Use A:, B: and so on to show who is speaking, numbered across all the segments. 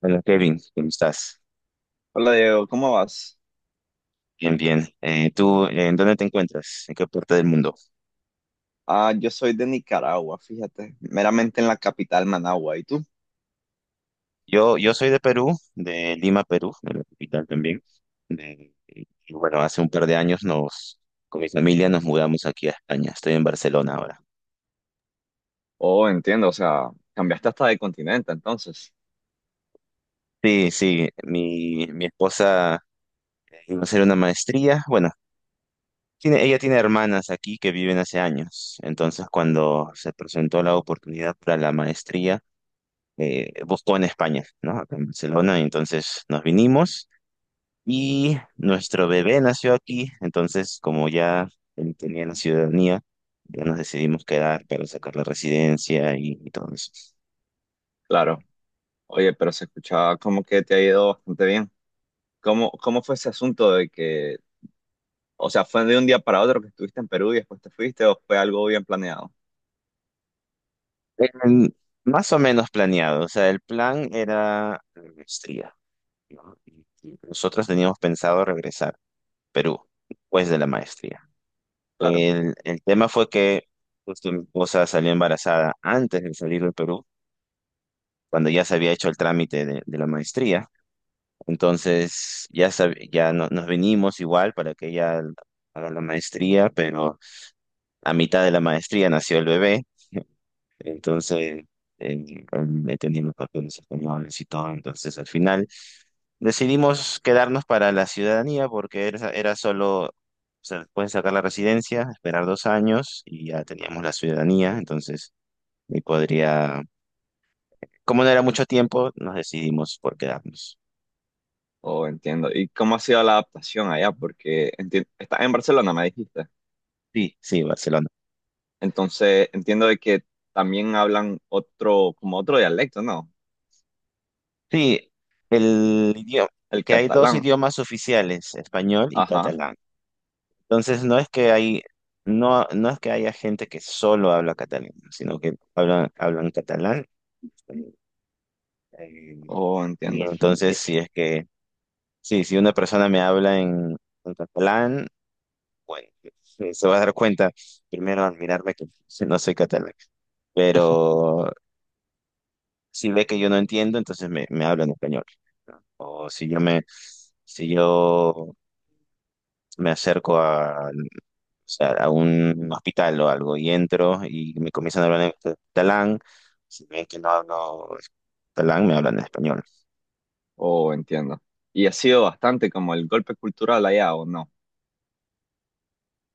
A: Hola Kevin, ¿cómo estás?
B: Hola Diego, ¿cómo vas?
A: Bien, bien. ¿Tú en dónde te encuentras? ¿En qué parte del mundo?
B: Ah, yo soy de Nicaragua, fíjate, meramente en la capital Managua. ¿Y tú?
A: Yo soy de Perú, de Lima, Perú, de la capital también. Y bueno, hace un par de años con mi familia nos mudamos aquí a España. Estoy en Barcelona ahora.
B: Oh, entiendo, o sea, cambiaste hasta de continente entonces.
A: Sí, sí, mi esposa iba a hacer una maestría. Bueno, ella tiene hermanas aquí que viven hace años. Entonces, cuando se presentó la oportunidad para la maestría, buscó en España, ¿no? Acá en Barcelona, entonces nos vinimos y nuestro bebé nació aquí, entonces como ya él tenía la ciudadanía, ya nos decidimos quedar para sacar la residencia y todo eso.
B: Claro. Oye, pero se escuchaba como que te ha ido bastante bien. ¿Cómo fue ese asunto de que, o sea, ¿fue de un día para otro que estuviste en Perú y después te fuiste o fue algo bien planeado?
A: Em, más o menos planeado, o sea, el plan era la maestría, ¿no? Y nosotros teníamos pensado regresar a Perú después de la maestría.
B: Claro.
A: El tema fue que justo mi esposa salió embarazada antes de salir de Perú cuando ya se había hecho el trámite de la maestría. Entonces ya, nos venimos igual para que ella haga la maestría, pero a mitad de la maestría nació el bebé. Entonces, eh, he tenido los papeles españoles y todo. Entonces, al final decidimos quedarnos para la ciudadanía porque era solo, o sea, pueden sacar la residencia, esperar 2 años y ya teníamos la ciudadanía. Entonces, y podría, como no era mucho tiempo, nos decidimos por quedarnos.
B: Oh, entiendo. ¿Y cómo ha sido la adaptación allá? Porque estás en Barcelona, me dijiste.
A: Sí, sí, Barcelona.
B: Entonces, entiendo de que también hablan otro, como otro dialecto, ¿no?
A: Sí, el idioma,
B: El
A: que hay dos
B: catalán,
A: idiomas oficiales, español y
B: ajá,
A: catalán. Entonces no, no es que haya gente que solo habla catalán, sino que hablan catalán. Eh,
B: oh,
A: y
B: entiendo.
A: entonces
B: Sí,
A: sí, si una persona me habla en catalán, bueno, se va a dar cuenta primero al mirarme que no soy catalán. Pero si ve que yo no entiendo, entonces me habla en español. ¿No? O si yo me acerco a, o sea, a un hospital o algo y entro y me comienzan a hablar en catalán, si ven que no hablo catalán, me hablan en español.
B: oh, entiendo. Y ¿ha sido bastante como el golpe cultural allá, o no?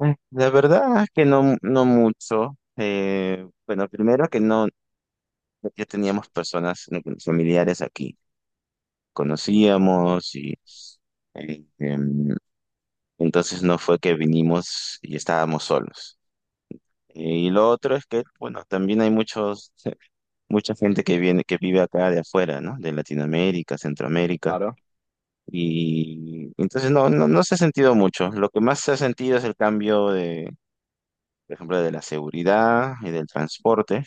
A: La verdad es que no, no mucho. Bueno, primero que no, ya teníamos personas familiares aquí, conocíamos y eh, em, entonces no fue que vinimos y estábamos solos. Y lo otro es que, bueno, también mucha gente que vive acá de afuera, ¿no? De Latinoamérica, Centroamérica.
B: Claro,
A: Y entonces no se ha sentido mucho. Lo que más se ha sentido es el cambio de, por ejemplo, de la seguridad y del transporte,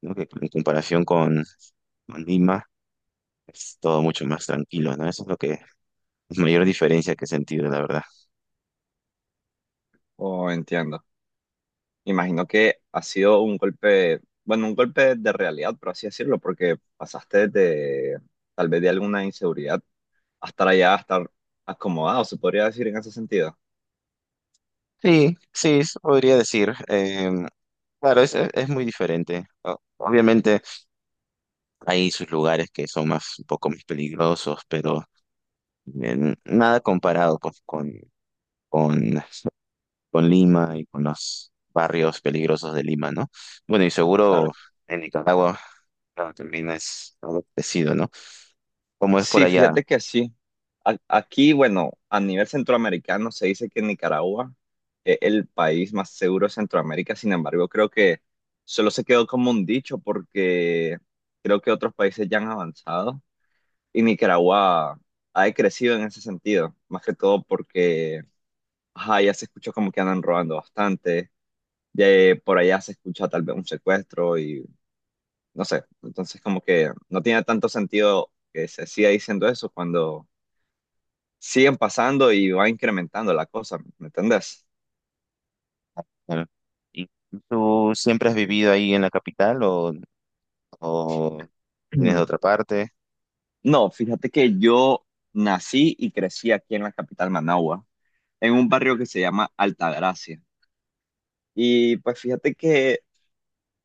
A: ¿no? Que en comparación con Lima es todo mucho más tranquilo, ¿no? Eso es lo que, La mayor diferencia que he sentido, la verdad.
B: oh, entiendo. Imagino que ha sido un golpe, bueno, un golpe de realidad, por así decirlo, porque pasaste de, tal vez de alguna inseguridad, a estar allá, a estar acomodado, se podría decir en ese sentido.
A: Sí, sí, eso podría decir. Claro, es muy diferente. Obviamente. Hay sus lugares que son un poco más peligrosos, pero nada comparado pues, con, con Lima y con los barrios peligrosos de Lima, ¿no? Bueno, y seguro
B: Claro.
A: en Nicaragua claro, también es algo parecido, ¿no? ¿Cómo es por
B: Sí,
A: allá?
B: fíjate que sí. Aquí, bueno, a nivel centroamericano se dice que Nicaragua es el país más seguro de Centroamérica. Sin embargo, creo que solo se quedó como un dicho porque creo que otros países ya han avanzado y Nicaragua ha decrecido en ese sentido. Más que todo porque ajá, ya se escuchó como que andan robando bastante. Ya por allá se escucha tal vez un secuestro y no sé. Entonces, como que no tiene tanto sentido que se siga diciendo eso cuando siguen pasando y va incrementando la cosa, ¿me entendés?
A: Claro. ¿Y tú siempre has vivido ahí en la capital o vienes de otra parte?
B: No, fíjate que yo nací y crecí aquí en la capital Managua, en un barrio que se llama Altagracia. Y pues fíjate que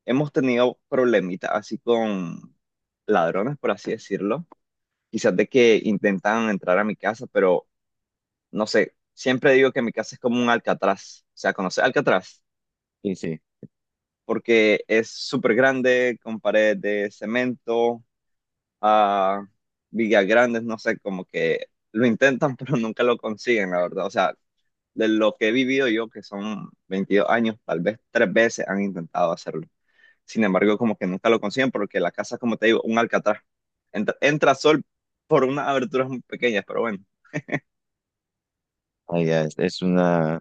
B: hemos tenido problemitas así con ladrones, por así decirlo. Quizás de que intentan entrar a mi casa, pero no sé, siempre digo que mi casa es como un Alcatraz. O sea, conoces Alcatraz,
A: Sí, sí.
B: porque es súper grande, con paredes de cemento a Villagrandes, no sé, como que lo intentan, pero nunca lo consiguen, la verdad. O sea, de lo que he vivido yo, que son 22 años, tal vez tres veces han intentado hacerlo. Sin embargo, como que nunca lo consiguen porque la casa, como te digo, un alcatraz. Entra sol por unas aberturas muy pequeñas, pero bueno,
A: Allá es una,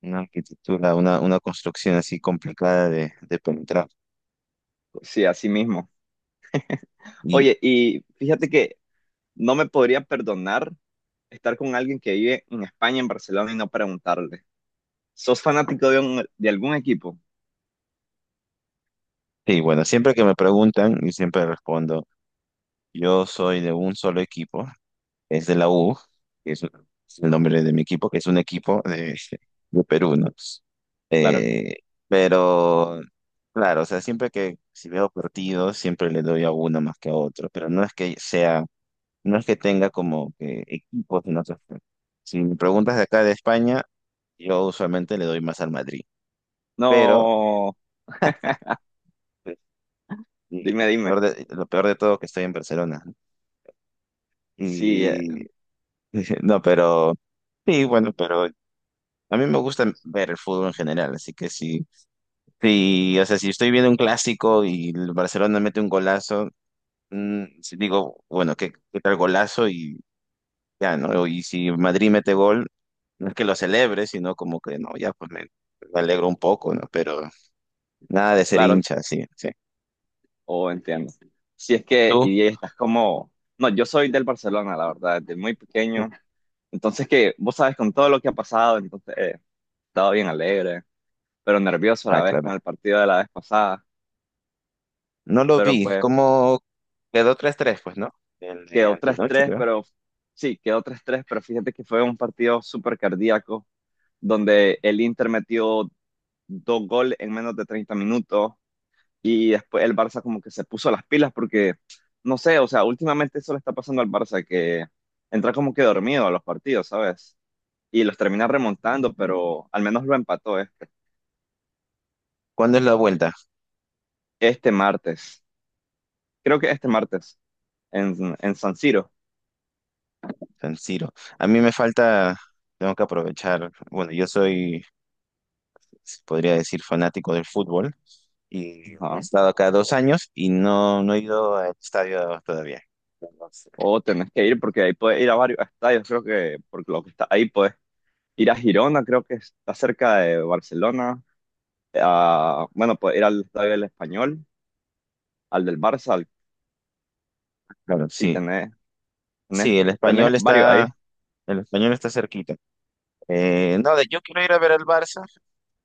A: una arquitectura, una, una construcción así complicada de penetrar.
B: sí, así mismo. Oye, y fíjate que no me podría perdonar estar con alguien que vive en España, en Barcelona, y no preguntarle. ¿Sos fanático de, de algún equipo?
A: Sí, bueno, siempre que me preguntan, y siempre respondo, yo soy de un solo equipo, es de la U, es el nombre de mi equipo, que es un equipo de Perú, ¿no? Pues,
B: Claro.
A: Eh, pero, claro, o sea, siempre que si veo partidos, siempre le doy a uno más que a otro, pero no es que tenga como que equipos en otros. ¿No? Si me preguntas de acá de España, yo usualmente le doy más al Madrid, pero.
B: No.
A: Y- y
B: Dime, dime.
A: Lo peor de todo que estoy en Barcelona.
B: Sí,
A: Y no, pero sí, bueno, pero a mí me gusta ver el fútbol en general, así que sí, sí, o sea, si estoy viendo un clásico y el Barcelona mete un golazo, sí digo, bueno, ¿qué tal golazo? Y ya, ¿no? Y si Madrid mete gol, no es que lo celebre, sino como que no, ya pues me alegro un poco, ¿no? Pero nada de ser
B: claro,
A: hincha, sí, sí.
B: o entiendo. Si es que,
A: ¿Tú?
B: y estás como, no, yo soy del Barcelona, la verdad, desde muy pequeño. Entonces que, vos sabes, con todo lo que ha pasado, entonces he estado bien alegre, pero nervioso a
A: Ah,
B: la vez
A: claro.
B: con el partido de la vez pasada.
A: No lo
B: Pero
A: vi,
B: pues
A: como quedó 3-3 pues, ¿no? El de
B: quedó
A: Alto
B: tres
A: Noche,
B: tres,
A: creo.
B: pero sí, quedó 3-3. Pero fíjate que fue un partido súper cardíaco, donde el Inter metió dos goles en menos de 30 minutos. Y después el Barça como que se puso las pilas porque, no sé, o sea, últimamente eso le está pasando al Barça, que entra como que dormido a los partidos, ¿sabes? Y los termina remontando, pero al menos lo empató
A: ¿Cuándo es la vuelta?
B: este martes. Creo que este martes, en San Siro.
A: San Siro. A mí me falta, tengo que aprovechar, bueno, yo soy, se podría decir, fanático del fútbol y he
B: Ajá.
A: estado acá 2 años y no, no he ido al estadio todavía. Entonces,
B: O tenés que ir
A: eh,
B: porque ahí puedes ir a varios estadios, creo que, porque lo que está ahí puedes ir a Girona, creo que está cerca de Barcelona. Bueno, puedes ir al estadio del Español, al del Barça,
A: Claro,
B: sí,
A: sí,
B: tenés,
A: sí,
B: tenés varios ahí.
A: el español está cerquita. No, yo quiero ir a ver al Barça.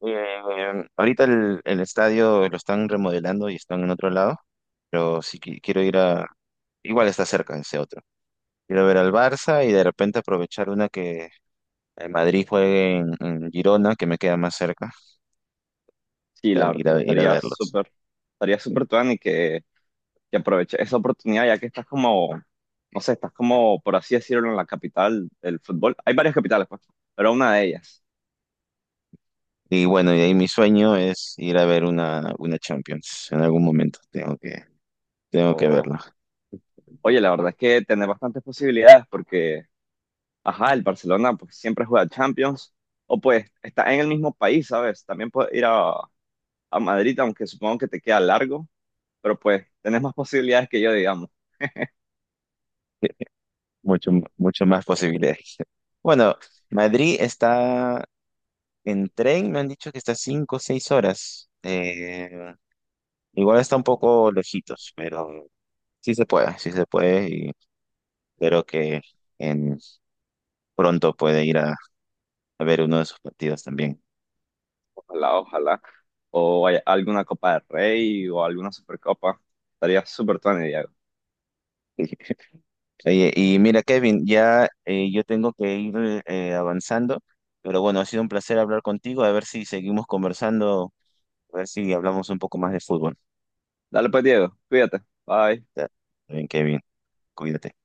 A: Ahorita el estadio lo están remodelando y están en otro lado, pero quiero ir a, igual está cerca ese otro. Quiero ver al Barça y de repente aprovechar una que el Madrid juegue en Girona, que me queda más cerca,
B: Sí,
A: ir a,
B: la verdad
A: ir
B: es que
A: a- ir a verlos.
B: estaría súper tuani que aproveches esa oportunidad ya que estás como, no sé, estás como, por así decirlo, en la capital del fútbol. Hay varias capitales, pues, pero una de ellas.
A: Y bueno, y ahí mi sueño es ir a ver una Champions en algún momento. Tengo que
B: O,
A: verla.
B: oye, la verdad es que tenés bastantes posibilidades porque, ajá, el Barcelona pues siempre juega Champions o pues está en el mismo país, ¿sabes? También puedes ir a Madrid, aunque supongo que te queda largo, pero pues tenés más posibilidades que yo, digamos.
A: Sí, mucho, mucho más posibilidades. Bueno, Madrid está en tren, me han dicho que está 5 o 6 horas. Igual está un poco lejitos, pero sí se puede y espero que en pronto pueda ir a ver uno de sus partidos también.
B: Ojalá, ojalá. O hay alguna Copa del Rey o alguna Supercopa. Estaría súper tuanes, Diego.
A: Oye, y mira, Kevin, ya yo tengo que ir avanzando, pero bueno, ha sido un placer hablar contigo, a ver si seguimos conversando, a ver si hablamos un poco más de fútbol.
B: Dale pues, Diego. Cuídate. Bye.
A: Ya, está bien, Kevin, cuídate.